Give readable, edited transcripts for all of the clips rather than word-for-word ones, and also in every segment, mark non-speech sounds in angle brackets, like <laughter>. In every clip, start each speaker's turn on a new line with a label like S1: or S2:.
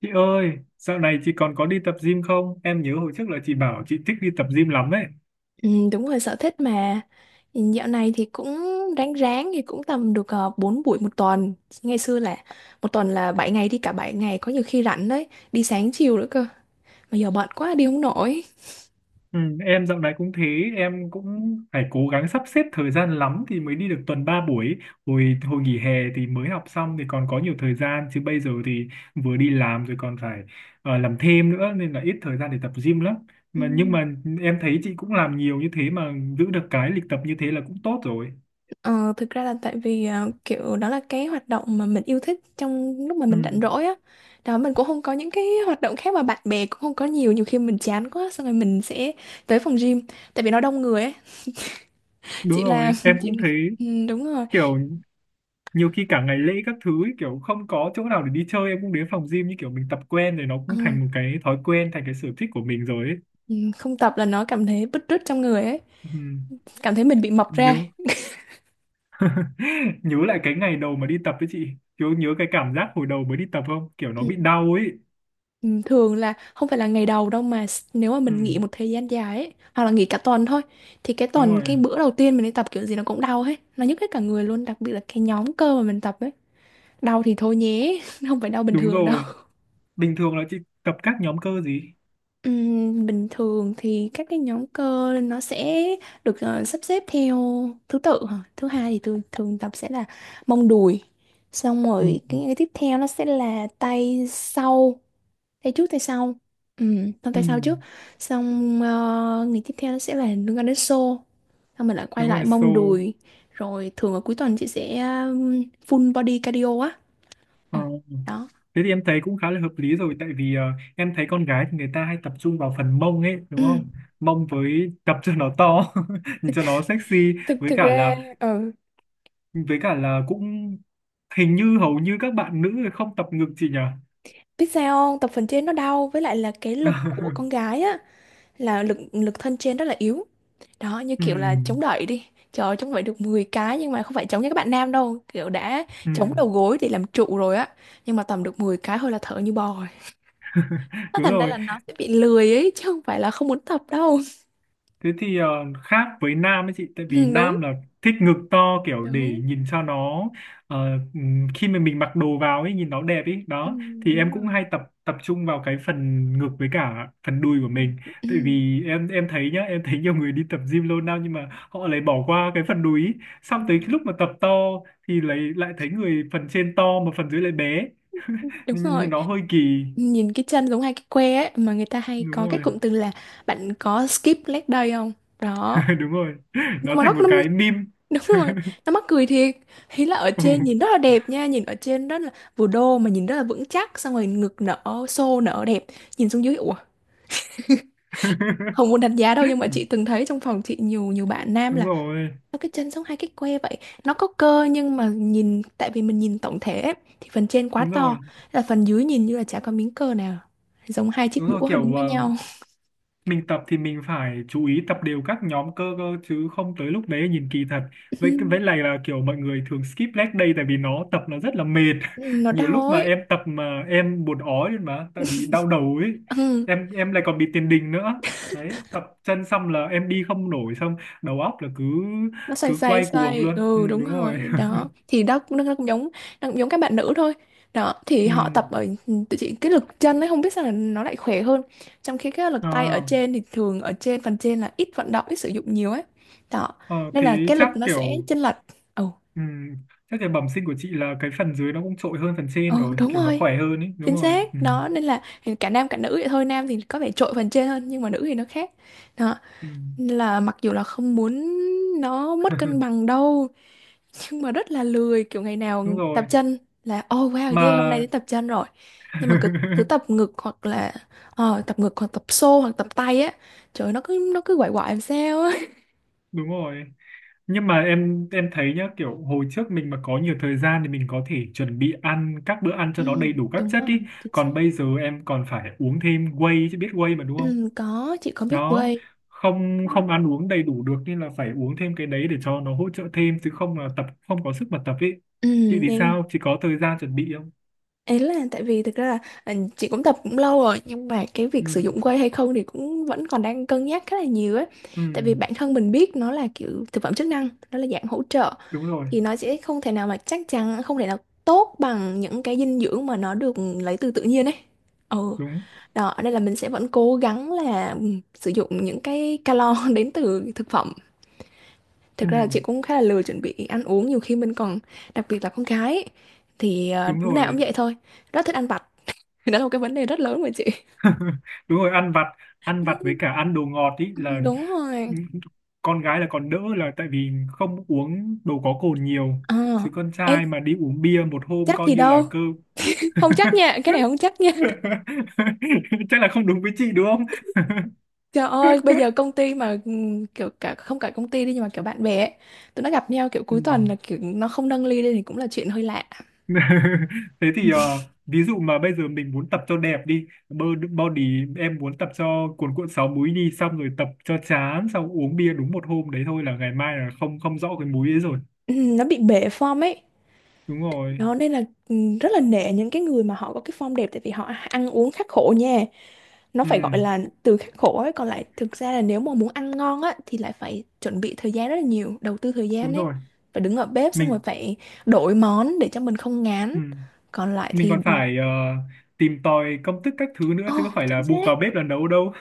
S1: Chị ơi, dạo này chị còn có đi tập gym không? Em nhớ hồi trước là chị bảo chị thích đi tập gym lắm ấy.
S2: Ừ, đúng rồi, sở thích mà. Ừ, dạo này thì cũng ráng ráng thì cũng tầm được 4 buổi một tuần. Ngày xưa là một tuần là 7 ngày, đi cả 7 ngày, có nhiều khi rảnh đấy, đi sáng chiều nữa cơ, mà giờ bận quá đi không nổi.
S1: Ừ, em dạo này cũng thế, em cũng phải cố gắng sắp xếp thời gian lắm thì mới đi được tuần 3 buổi. Hồi hồi nghỉ hè thì mới học xong thì còn có nhiều thời gian chứ bây giờ thì vừa đi làm rồi còn phải làm thêm nữa nên là ít thời gian để tập gym lắm.
S2: Ừ.
S1: Mà nhưng mà em thấy chị cũng làm nhiều như thế mà giữ được cái lịch tập như thế là cũng tốt rồi.
S2: Ờ, thực ra là tại vì kiểu đó là cái hoạt động mà mình yêu thích trong lúc mà mình rảnh
S1: Ừ,
S2: rỗi á. Đó, mình cũng không có những cái hoạt động khác mà bạn bè cũng không có nhiều, nhiều khi mình chán quá xong rồi mình sẽ tới phòng gym tại vì nó đông người ấy. <laughs>
S1: đúng
S2: Chị là
S1: rồi,
S2: <laughs>
S1: em
S2: chị
S1: cũng thấy
S2: ừ, đúng rồi.
S1: kiểu nhiều khi cả ngày lễ các thứ ấy, kiểu không có chỗ nào để đi chơi em cũng đến phòng gym như kiểu mình tập quen rồi nó cũng
S2: Ừ.
S1: thành một cái thói quen thành cái sở thích của mình rồi ấy.
S2: Ừ, không tập là nó cảm thấy bứt rứt trong người ấy,
S1: Ừ,
S2: cảm thấy mình bị mập
S1: nhớ
S2: ra.
S1: <laughs> nhớ lại cái ngày đầu mà đi tập với chị kiểu nhớ cái cảm giác hồi đầu mới đi tập không kiểu nó bị
S2: Ừ.
S1: đau ấy.
S2: Ừ, thường là không phải là ngày đầu đâu mà nếu mà
S1: Ừ,
S2: mình nghỉ một thời gian dài ấy, hoặc là nghỉ cả tuần thôi, thì cái
S1: đúng
S2: tuần
S1: rồi.
S2: cái bữa đầu tiên mình đi tập kiểu gì nó cũng đau hết, nó nhức hết cả người luôn, đặc biệt là cái nhóm cơ mà mình tập ấy. Đau thì thôi nhé, <laughs> không phải đau bình
S1: Đúng
S2: thường đâu.
S1: rồi, bình thường là chị tập các nhóm cơ gì?
S2: Bình thường thì các cái nhóm cơ nó sẽ được sắp xếp theo thứ tự hả? Thứ hai thì tôi thường tập sẽ là mông đùi, xong
S1: Ừ,
S2: rồi cái tiếp theo nó sẽ là tay sau, tay trước tay sau.
S1: ừ,
S2: Tay sau trước, xong ngày tiếp theo nó sẽ là liên quan đến xô, xong mình lại quay
S1: đúng
S2: lại
S1: rồi so.
S2: mông đùi, rồi thường ở cuối tuần chị sẽ full body cardio á.
S1: Ờ,
S2: Ồ, đó.
S1: thế thì em thấy cũng khá là hợp lý rồi tại vì em thấy con gái thì người ta hay tập trung vào phần mông ấy đúng
S2: Ừ.
S1: không? Mông với tập cho nó to, <laughs> nhìn cho nó sexy,
S2: thực
S1: với
S2: thực
S1: cả
S2: ra
S1: là
S2: ừ.
S1: cũng hình như hầu như các bạn nữ không tập ngực chị nhỉ?
S2: Biết sao không? Tập phần trên nó đau, với lại là cái lực của con
S1: <laughs>
S2: gái á, là lực lực thân trên rất là yếu. Đó, như kiểu là chống
S1: Ừm,
S2: đẩy đi. Trời ơi, chống đẩy được 10 cái nhưng mà không phải chống như các bạn nam đâu, kiểu đã chống đầu
S1: ừm,
S2: gối để làm trụ rồi á. Nhưng mà tầm được 10 cái thôi là thở như bò rồi. Nó
S1: Đúng
S2: thành ra
S1: rồi.
S2: là nó sẽ bị lười ấy chứ không phải là không muốn tập đâu. <laughs>
S1: Thế thì khác với nam ấy chị tại
S2: Ừ,
S1: vì
S2: đúng,
S1: nam là thích ngực to kiểu để
S2: đúng.
S1: nhìn cho nó khi mà mình mặc đồ vào ấy nhìn nó đẹp ấy
S2: Ừ,
S1: đó thì
S2: đúng
S1: em cũng
S2: rồi.
S1: hay tập tập trung vào cái phần ngực với cả phần đùi của
S2: Ừ,
S1: mình
S2: ừ,
S1: tại vì em thấy nhá em thấy nhiều người đi tập gym lâu năm nhưng mà họ lại bỏ qua cái phần đùi ý.
S2: ừ.
S1: Xong tới cái lúc mà tập to thì lại lại thấy người phần trên to mà phần dưới lại bé,
S2: Đúng
S1: nhìn nhìn
S2: rồi.
S1: nó hơi kỳ.
S2: Nhìn cái chân giống hai cái que ấy, mà người ta hay
S1: Đúng
S2: có cái
S1: rồi.
S2: cụm từ là bạn có skip leg day không? Đó,
S1: <laughs> Đúng rồi,
S2: nhưng
S1: nó
S2: mà nó
S1: thành một
S2: năm.
S1: cái meme.
S2: <laughs> Đúng
S1: <laughs>
S2: rồi, nó mắc cười thiệt. Ý là ở
S1: Ừ.
S2: trên nhìn rất là đẹp nha, nhìn ở trên rất là vừa đô mà nhìn rất là vững chắc, xong rồi ngực nở xô nở đẹp, nhìn xuống dưới ủa, không muốn đánh giá đâu nhưng mà chị
S1: <laughs> <laughs>
S2: từng thấy trong phòng chị nhiều, nhiều bạn nam
S1: Đúng
S2: là
S1: rồi,
S2: nó cái chân giống hai cái que vậy, nó có cơ nhưng mà nhìn tại vì mình nhìn tổng thể ấy, thì phần trên quá
S1: đúng
S2: to,
S1: rồi,
S2: là phần dưới nhìn như là chả có miếng cơ nào, giống hai chiếc
S1: đúng rồi,
S2: đũa đứng
S1: kiểu
S2: với nhau.
S1: mình tập thì mình phải chú ý tập đều các nhóm cơ cơ chứ không tới lúc đấy nhìn kỳ thật. Với lại
S2: <laughs>
S1: là kiểu mọi người thường skip leg day tại vì nó tập nó rất là mệt.
S2: Ừ,
S1: <laughs>
S2: nó
S1: Nhiều lúc
S2: đau
S1: mà em
S2: ấy.
S1: tập mà em buồn ói lên mà tại vì đau đầu ấy,
S2: Ừ.
S1: em lại còn bị tiền đình nữa. Đấy, tập chân xong là em đi không nổi xong đầu óc là cứ
S2: Nó xoay
S1: cứ
S2: xoay
S1: quay cuồng
S2: xoay,
S1: luôn. Ừ,
S2: ừ đúng
S1: đúng
S2: rồi,
S1: rồi.
S2: đó thì đó cũng nó cũng giống, nó cũng giống các bạn nữ thôi. Đó
S1: <laughs>
S2: thì họ
S1: Ừ.
S2: tập ở, tự chỉ cái lực chân ấy không biết sao là nó lại khỏe hơn, trong khi cái
S1: Ờ,
S2: lực tay ở trên thì thường ở trên phần trên là ít vận động, ít sử dụng nhiều ấy. Đó,
S1: ờ,
S2: nên
S1: thế
S2: là cái
S1: chắc
S2: lực nó sẽ
S1: kiểu.
S2: chênh lệch. Ừ.
S1: Ừ. Chắc là bẩm sinh của chị là cái phần dưới nó cũng trội hơn phần trên
S2: Ừ
S1: rồi
S2: đúng
S1: kiểu nó
S2: rồi,
S1: khỏe hơn ấy, đúng
S2: chính
S1: rồi ừ.
S2: xác, đó nên là cả nam cả nữ vậy thôi, nam thì có vẻ trội phần trên hơn nhưng mà nữ thì nó khác. Đó.
S1: Ừ.
S2: Nên là mặc dù là không muốn nó mất cân bằng
S1: <laughs>
S2: đâu, nhưng mà rất là lười, kiểu ngày nào
S1: Đúng
S2: tập
S1: rồi
S2: chân là oh wow yeah, hôm nay
S1: mà.
S2: đến tập chân rồi. Nhưng mà cứ, cứ tập
S1: <laughs>
S2: ngực hoặc là tập ngực hoặc tập xô hoặc tập tay á, trời ơi, nó cứ quậy quậy làm sao á.
S1: Đúng rồi, nhưng mà em thấy nhá kiểu hồi trước mình mà có nhiều thời gian thì mình có thể chuẩn bị ăn các bữa ăn cho
S2: Ừ,
S1: nó đầy đủ các
S2: đúng
S1: chất
S2: rồi,
S1: ý,
S2: chính xác.
S1: còn bây giờ em còn phải uống thêm whey, chứ biết whey mà đúng không?
S2: Ừ, có chị có biết
S1: Đó,
S2: quay.
S1: không, không ăn uống đầy đủ được nên là phải uống thêm cái đấy để cho nó hỗ trợ thêm chứ không là tập không có sức mà tập ý.
S2: Ừ,
S1: Chị thì
S2: nên
S1: sao, chị có thời gian chuẩn bị không?
S2: ấy là tại vì thực ra là chị cũng tập cũng lâu rồi nhưng mà cái
S1: Ừ,
S2: việc sử dụng whey hay không thì cũng vẫn còn đang cân nhắc khá là nhiều ấy.
S1: ừ,
S2: Tại vì bản thân mình biết nó là kiểu thực phẩm chức năng, nó là dạng hỗ trợ,
S1: đúng rồi.
S2: thì nó sẽ không thể nào, mà chắc chắn không thể nào tốt bằng những cái dinh dưỡng mà nó được lấy từ tự nhiên ấy. Ừ,
S1: Đúng.
S2: đó nên là mình sẽ vẫn cố gắng là ừ, sử dụng những cái calo <laughs> đến từ thực phẩm. Thực
S1: Ừ,
S2: ra là chị cũng khá là lười chuẩn bị ăn uống, nhiều khi mình còn, đặc biệt là con gái ấy, thì
S1: đúng
S2: lúc nào cũng
S1: rồi.
S2: vậy thôi, rất thích ăn vặt, thì đó là một cái vấn đề rất lớn mà chị.
S1: Đúng rồi, ăn vặt, ăn vặt với
S2: Ừ,
S1: cả ăn đồ ngọt ý
S2: ừ,
S1: là.
S2: đúng rồi.
S1: Ừ, con gái là còn đỡ là tại vì không uống đồ có cồn nhiều,
S2: Ờ
S1: chứ con
S2: ê,
S1: trai mà đi uống bia một hôm
S2: chắc
S1: coi
S2: gì
S1: như là
S2: đâu.
S1: cơ.
S2: <laughs> Không chắc nha, cái này không chắc nha.
S1: <laughs> Chắc là không đúng với chị đúng không? <laughs>
S2: Trời ơi, bây giờ công ty mà kiểu cả không cả công ty đi, nhưng mà kiểu bạn bè ấy, tụi nó gặp nhau kiểu
S1: Ừ.
S2: cuối tuần là kiểu nó không nâng ly lên thì cũng là chuyện hơi lạ.
S1: <laughs> Thế thì ví dụ mà bây giờ mình muốn tập cho đẹp đi bơ- body, em muốn tập cho cuồn cuộn sáu múi đi xong rồi tập cho chán xong uống bia đúng một hôm đấy thôi là ngày mai là không, không rõ cái múi ấy rồi.
S2: Nó bị bể form ấy.
S1: Đúng rồi.
S2: Đó nên là rất là nể những cái người mà họ có cái form đẹp, tại vì họ ăn uống khắc khổ nha, nó
S1: Ừ,
S2: phải gọi là từ khắc khổ ấy. Còn lại thực ra là nếu mà muốn ăn ngon á thì lại phải chuẩn bị thời gian rất là nhiều, đầu tư thời
S1: đúng
S2: gian ấy,
S1: rồi.
S2: phải đứng ở bếp xong rồi
S1: Mình.
S2: phải đổi món để cho mình không ngán.
S1: Ừ.
S2: Còn lại
S1: Mình
S2: thì
S1: còn phải tìm tòi công thức các thứ nữa
S2: ồ
S1: chứ
S2: oh,
S1: có phải là
S2: chính
S1: bụp
S2: xác.
S1: vào bếp là nấu đâu.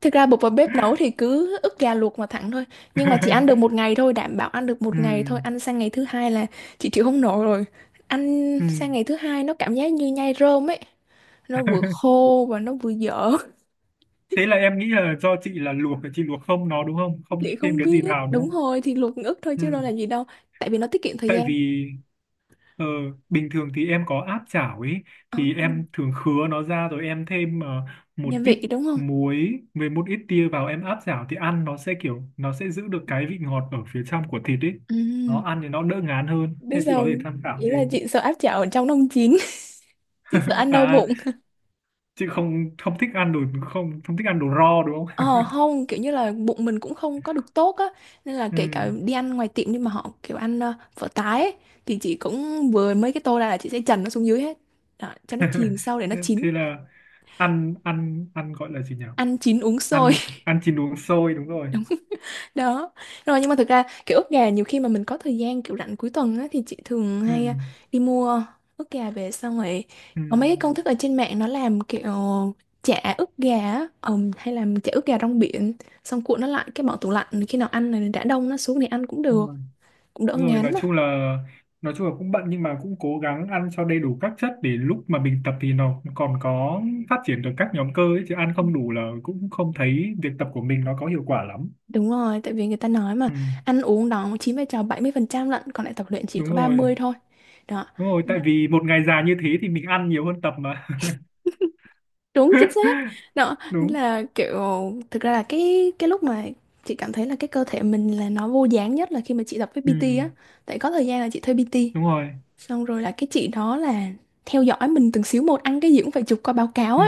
S2: Thực ra bột vào bếp nấu thì cứ ức gà luộc mà thẳng thôi, nhưng mà chỉ ăn được một
S1: <laughs>
S2: ngày thôi, đảm bảo ăn được
S1: Ừ.
S2: một ngày thôi, ăn sang ngày thứ hai là chị chịu không nổi rồi. Ăn
S1: Ừ.
S2: sang ngày thứ hai nó cảm giác như nhai rơm ấy, nó vừa
S1: <laughs>
S2: khô và nó vừa dở.
S1: Thế là em nghĩ là do chị là luộc, chị luộc không nó đúng không, không
S2: Chị
S1: thêm
S2: không
S1: cái gì
S2: biết,
S1: vào đúng
S2: đúng
S1: không?
S2: rồi thì luộc ức thôi
S1: Ừ.
S2: chứ đâu là gì đâu, tại vì nó tiết kiệm thời
S1: Tại
S2: gian.
S1: vì. Ờ, bình thường thì em có áp chảo ấy,
S2: À,
S1: thì em thường khứa nó ra rồi em thêm một
S2: gia
S1: ít
S2: vị đúng không.
S1: muối với một ít tiêu vào em áp chảo thì ăn nó sẽ kiểu nó sẽ giữ được cái vị ngọt ở phía trong của thịt ấy,
S2: Ừ.
S1: nó ăn thì nó đỡ ngán hơn
S2: Biết
S1: nên chị
S2: sao
S1: có thể
S2: không?
S1: tham khảo
S2: Ý là
S1: thêm.
S2: chị sợ áp chảo ở trong nó không chín. <laughs> Chị sợ
S1: <laughs>
S2: ăn đau
S1: À,
S2: bụng.
S1: chị không, không thích ăn đồ, không không thích ăn đồ raw đúng không?
S2: Ờ không, kiểu như là bụng mình cũng không có được tốt á, nên là
S1: <laughs>
S2: kể cả
S1: Ừ.
S2: đi ăn ngoài tiệm nhưng mà họ kiểu ăn phở tái ấy, thì chị cũng vừa mấy cái tô ra là chị sẽ trần nó xuống dưới hết. Đó, cho nó chìm
S1: <laughs>
S2: sâu để nó
S1: Thế
S2: chín.
S1: thế là ăn, ăn, ăn gọi là gì nhỉ,
S2: Ăn chín uống sôi.
S1: ăn, ăn chín uống sôi đúng rồi.
S2: Đó rồi. Nhưng mà thực ra kiểu ức gà nhiều khi mà mình có thời gian kiểu rảnh cuối tuần á, thì chị thường
S1: Ừ.
S2: hay à, đi mua ức gà về, xong rồi
S1: Ừ.
S2: có mấy cái công thức ở trên mạng nó làm kiểu chả ức gà á, hay làm chả ức gà rong biển, xong cuộn nó lại cái bỏ tủ lạnh, khi nào ăn này đã đông nó xuống thì ăn cũng
S1: Đúng
S2: được,
S1: rồi.
S2: cũng đỡ
S1: Đúng rồi,
S2: ngán á.
S1: nói chung là cũng bận nhưng mà cũng cố gắng ăn cho đầy đủ các chất để lúc mà mình tập thì nó còn có phát triển được các nhóm cơ ấy, chứ ăn không đủ là cũng không thấy việc tập của mình nó có hiệu quả lắm.
S2: Đúng rồi, tại vì người ta nói mà
S1: Ừ,
S2: ăn uống đó chiếm vai trò 70% lận, còn lại tập luyện chỉ
S1: đúng
S2: có
S1: rồi.
S2: 30 thôi. Đó.
S1: Đúng rồi, tại vì một ngày dài như thế thì mình ăn nhiều hơn tập mà.
S2: Đúng, chính xác.
S1: <laughs>
S2: Đó
S1: Đúng.
S2: là kiểu, thực ra là cái lúc mà chị cảm thấy là cái cơ thể mình là nó vô dáng nhất là khi mà chị tập với
S1: Ừ,
S2: PT á, tại có thời gian là chị thuê PT,
S1: đúng rồi.
S2: xong rồi là cái chị đó là theo dõi mình từng xíu một, ăn cái gì cũng phải chụp qua báo cáo
S1: Ừ.
S2: á.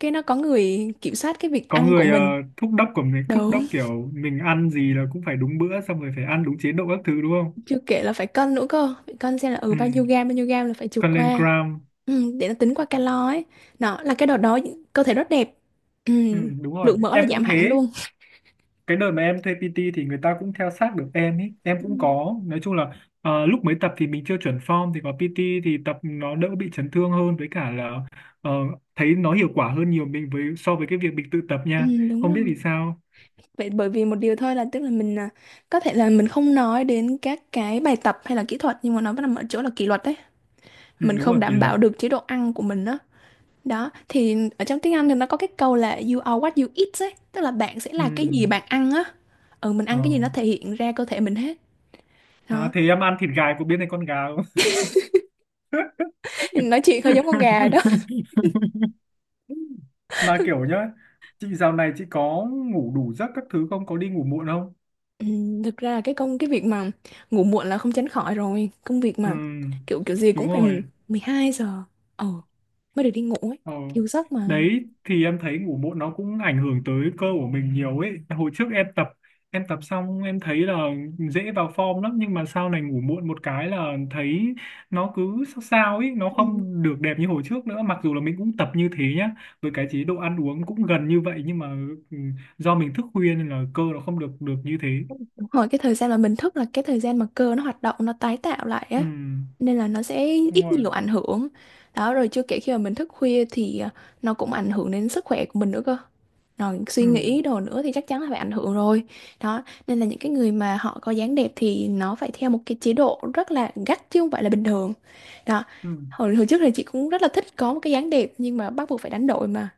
S2: Cái nó có người kiểm soát cái việc
S1: Có
S2: ăn của
S1: người
S2: mình.
S1: thúc đốc của mình, thúc đốc
S2: Đúng.
S1: kiểu mình ăn gì là cũng phải đúng bữa xong rồi phải ăn đúng chế độ các thứ đúng không?
S2: Chưa kể là phải cân nữa cơ, phải cân xem là ừ
S1: Ừ.
S2: bao nhiêu gam, bao nhiêu gam là phải chụp
S1: Cân lên
S2: qua.
S1: gram.
S2: Ừ, để nó tính qua calo ấy. Đó là cái đợt đó cơ thể rất đẹp. Ừ,
S1: Ừ, đúng rồi,
S2: lượng mỡ là
S1: em cũng
S2: giảm hẳn
S1: thế.
S2: luôn.
S1: Cái đợt mà em thuê PT thì người ta cũng theo sát được em ý, em cũng có nói chung là lúc mới tập thì mình chưa chuẩn form thì có PT thì tập nó đỡ bị chấn thương hơn với cả là ờ, thấy nó hiệu quả hơn nhiều mình với so với cái việc mình tự tập
S2: Ừ,
S1: nha.
S2: đúng
S1: Không
S2: rồi.
S1: biết vì sao.
S2: Vậy, bởi vì một điều thôi, là tức là mình à, có thể là mình không nói đến các cái bài tập hay là kỹ thuật, nhưng mà nó vẫn nằm ở chỗ là kỷ luật đấy.
S1: Ừ,
S2: Mình
S1: đúng
S2: không
S1: rồi, kỷ
S2: đảm
S1: luật.
S2: bảo được chế độ ăn của mình đó. Đó, thì ở trong tiếng Anh thì nó có cái câu là you are what you eat ấy, tức là bạn sẽ
S1: Ừ.
S2: là cái gì bạn ăn á. Ừ, mình
S1: Ờ.
S2: ăn cái gì nó thể hiện ra cơ thể mình hết.
S1: À,
S2: Đó.
S1: thế em ăn thịt gà có biết này con gà không?
S2: Nói chuyện hơi giống con gà đó.
S1: <laughs> Mà kiểu nhá chị dạo này chị có ngủ đủ giấc các thứ không, có đi ngủ muộn không?
S2: Ừ, thực ra là cái công cái việc mà ngủ muộn là không tránh khỏi rồi, công việc
S1: Ừ,
S2: mà kiểu kiểu gì
S1: đúng
S2: cũng phải
S1: rồi.
S2: 12 giờ. Ờ, mới được đi ngủ ấy,
S1: Ờ.
S2: thiếu giấc mà.
S1: Đấy thì em thấy ngủ muộn nó cũng ảnh hưởng tới cơ của mình nhiều ấy. Hồi trước em tập, em tập xong em thấy là dễ vào form lắm nhưng mà sau này ngủ muộn một cái là thấy nó cứ sao sao ấy, nó
S2: Ừ.
S1: không được đẹp như hồi trước nữa mặc dù là mình cũng tập như thế nhá. Với cái chế độ ăn uống cũng gần như vậy nhưng mà ừ, do mình thức khuya nên là cơ nó không được được như thế.
S2: Hồi cái thời gian mà mình thức là cái thời gian mà cơ nó hoạt động, nó tái tạo lại
S1: Ừ,
S2: á, nên là nó sẽ
S1: đúng
S2: ít
S1: rồi.
S2: nhiều ảnh hưởng. Đó rồi chưa kể khi mà mình thức khuya thì à, nó cũng ảnh hưởng đến sức khỏe của mình nữa cơ, rồi suy
S1: Ừ,
S2: nghĩ đồ nữa thì chắc chắn là phải ảnh hưởng rồi. Đó nên là những cái người mà họ có dáng đẹp thì nó phải theo một cái chế độ rất là gắt chứ không phải là bình thường. Đó.
S1: ừ.
S2: Hồi trước thì chị cũng rất là thích có một cái dáng đẹp nhưng mà bắt buộc phải đánh đổi mà.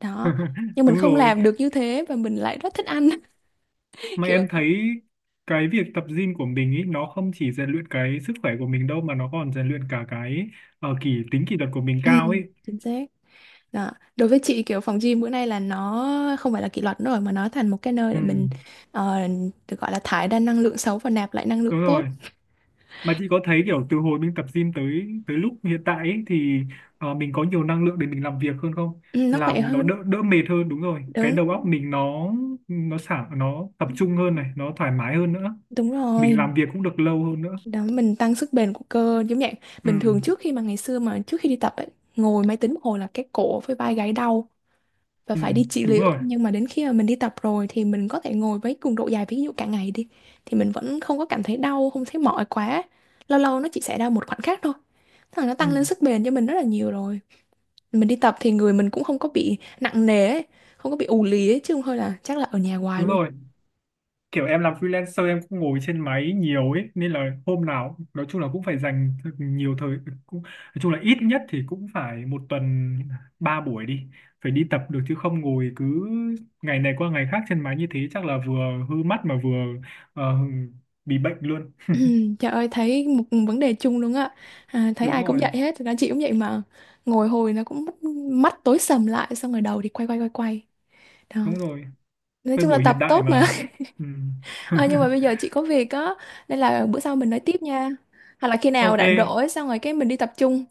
S2: Đó,
S1: <laughs>
S2: nhưng mình
S1: Đúng
S2: không
S1: rồi.
S2: làm được như thế và mình lại rất thích ăn, <laughs>
S1: Mà
S2: kiểu.
S1: em thấy cái việc tập gym của mình ý, nó không chỉ rèn luyện cái sức khỏe của mình đâu mà nó còn rèn luyện cả cái kỷ tính kỷ luật của mình
S2: Ừ,
S1: cao ấy.
S2: chính xác. Đó. Đối với chị kiểu phòng gym bữa nay là nó không phải là kỷ luật nữa rồi, mà nó thành một cái nơi
S1: Ừ,
S2: để mình ờ, được gọi là thải ra năng lượng xấu và nạp lại năng lượng
S1: đúng
S2: tốt.
S1: rồi. Mà chị có thấy kiểu từ hồi mình tập gym tới tới lúc hiện tại ấy, thì mình có nhiều năng lượng để mình làm việc hơn không,
S2: Ừ, nó khỏe
S1: làm nó
S2: hơn.
S1: đỡ đỡ mệt hơn đúng rồi, cái
S2: Đúng.
S1: đầu óc mình nó sảng nó tập trung hơn này nó thoải mái hơn nữa,
S2: Đúng
S1: mình
S2: rồi,
S1: làm việc cũng được lâu hơn nữa.
S2: đó mình tăng sức bền của cơ giống vậy.
S1: Ừ,
S2: Bình thường trước khi mà ngày xưa mà trước khi đi tập ấy, ngồi máy tính một hồi là cái cổ với vai gáy đau, và
S1: ừ,
S2: phải đi trị
S1: đúng
S2: liệu,
S1: rồi.
S2: nhưng mà đến khi mà mình đi tập rồi thì mình có thể ngồi với cường độ dài, ví dụ cả ngày đi, thì mình vẫn không có cảm thấy đau, không thấy mỏi quá, lâu lâu nó chỉ xảy ra một khoảnh khắc thôi. Thế là nó
S1: Ừ,
S2: tăng lên sức bền cho mình rất là nhiều rồi. Mình đi tập thì người mình cũng không có bị nặng nề ấy, không có bị ù lì ấy, chứ không thôi là chắc là ở nhà hoài
S1: đúng
S2: luôn.
S1: rồi,
S2: <clears throat>
S1: kiểu em làm freelancer em cũng ngồi trên máy nhiều ấy nên là hôm nào nói chung là cũng phải dành thật nhiều thời, cũng nói chung là ít nhất thì cũng phải một tuần ba buổi đi, phải đi tập được chứ không ngồi cứ ngày này qua ngày khác trên máy như thế chắc là vừa hư mắt mà vừa ờ, bị bệnh luôn.
S2: Trời ơi, thấy một vấn đề chung luôn á. À, thấy
S1: Đúng
S2: ai cũng
S1: rồi.
S2: vậy hết, thực ra chị cũng vậy mà, ngồi hồi nó cũng mắt, tối sầm lại, xong rồi đầu thì quay quay quay quay. Đó.
S1: Đúng rồi,
S2: Nói
S1: thời
S2: chung là
S1: buổi hiện
S2: tập
S1: đại
S2: tốt mà.
S1: mà. Ừ.
S2: Ờ, nhưng mà bây
S1: <laughs>
S2: giờ chị có việc á, nên là bữa sau mình nói tiếp nha, hoặc là khi nào
S1: Ok.
S2: rảnh rỗi xong rồi cái mình đi tập trung.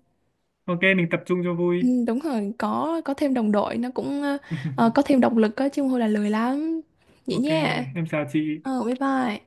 S1: Ok, mình tập trung cho
S2: Ừ,
S1: vui.
S2: đúng rồi, có thêm đồng đội nó cũng ờ, có thêm
S1: <laughs>
S2: động lực á chứ không thôi là lười lắm. Vậy
S1: Ok,
S2: nha.
S1: em chào chị.
S2: Ờ bye bye.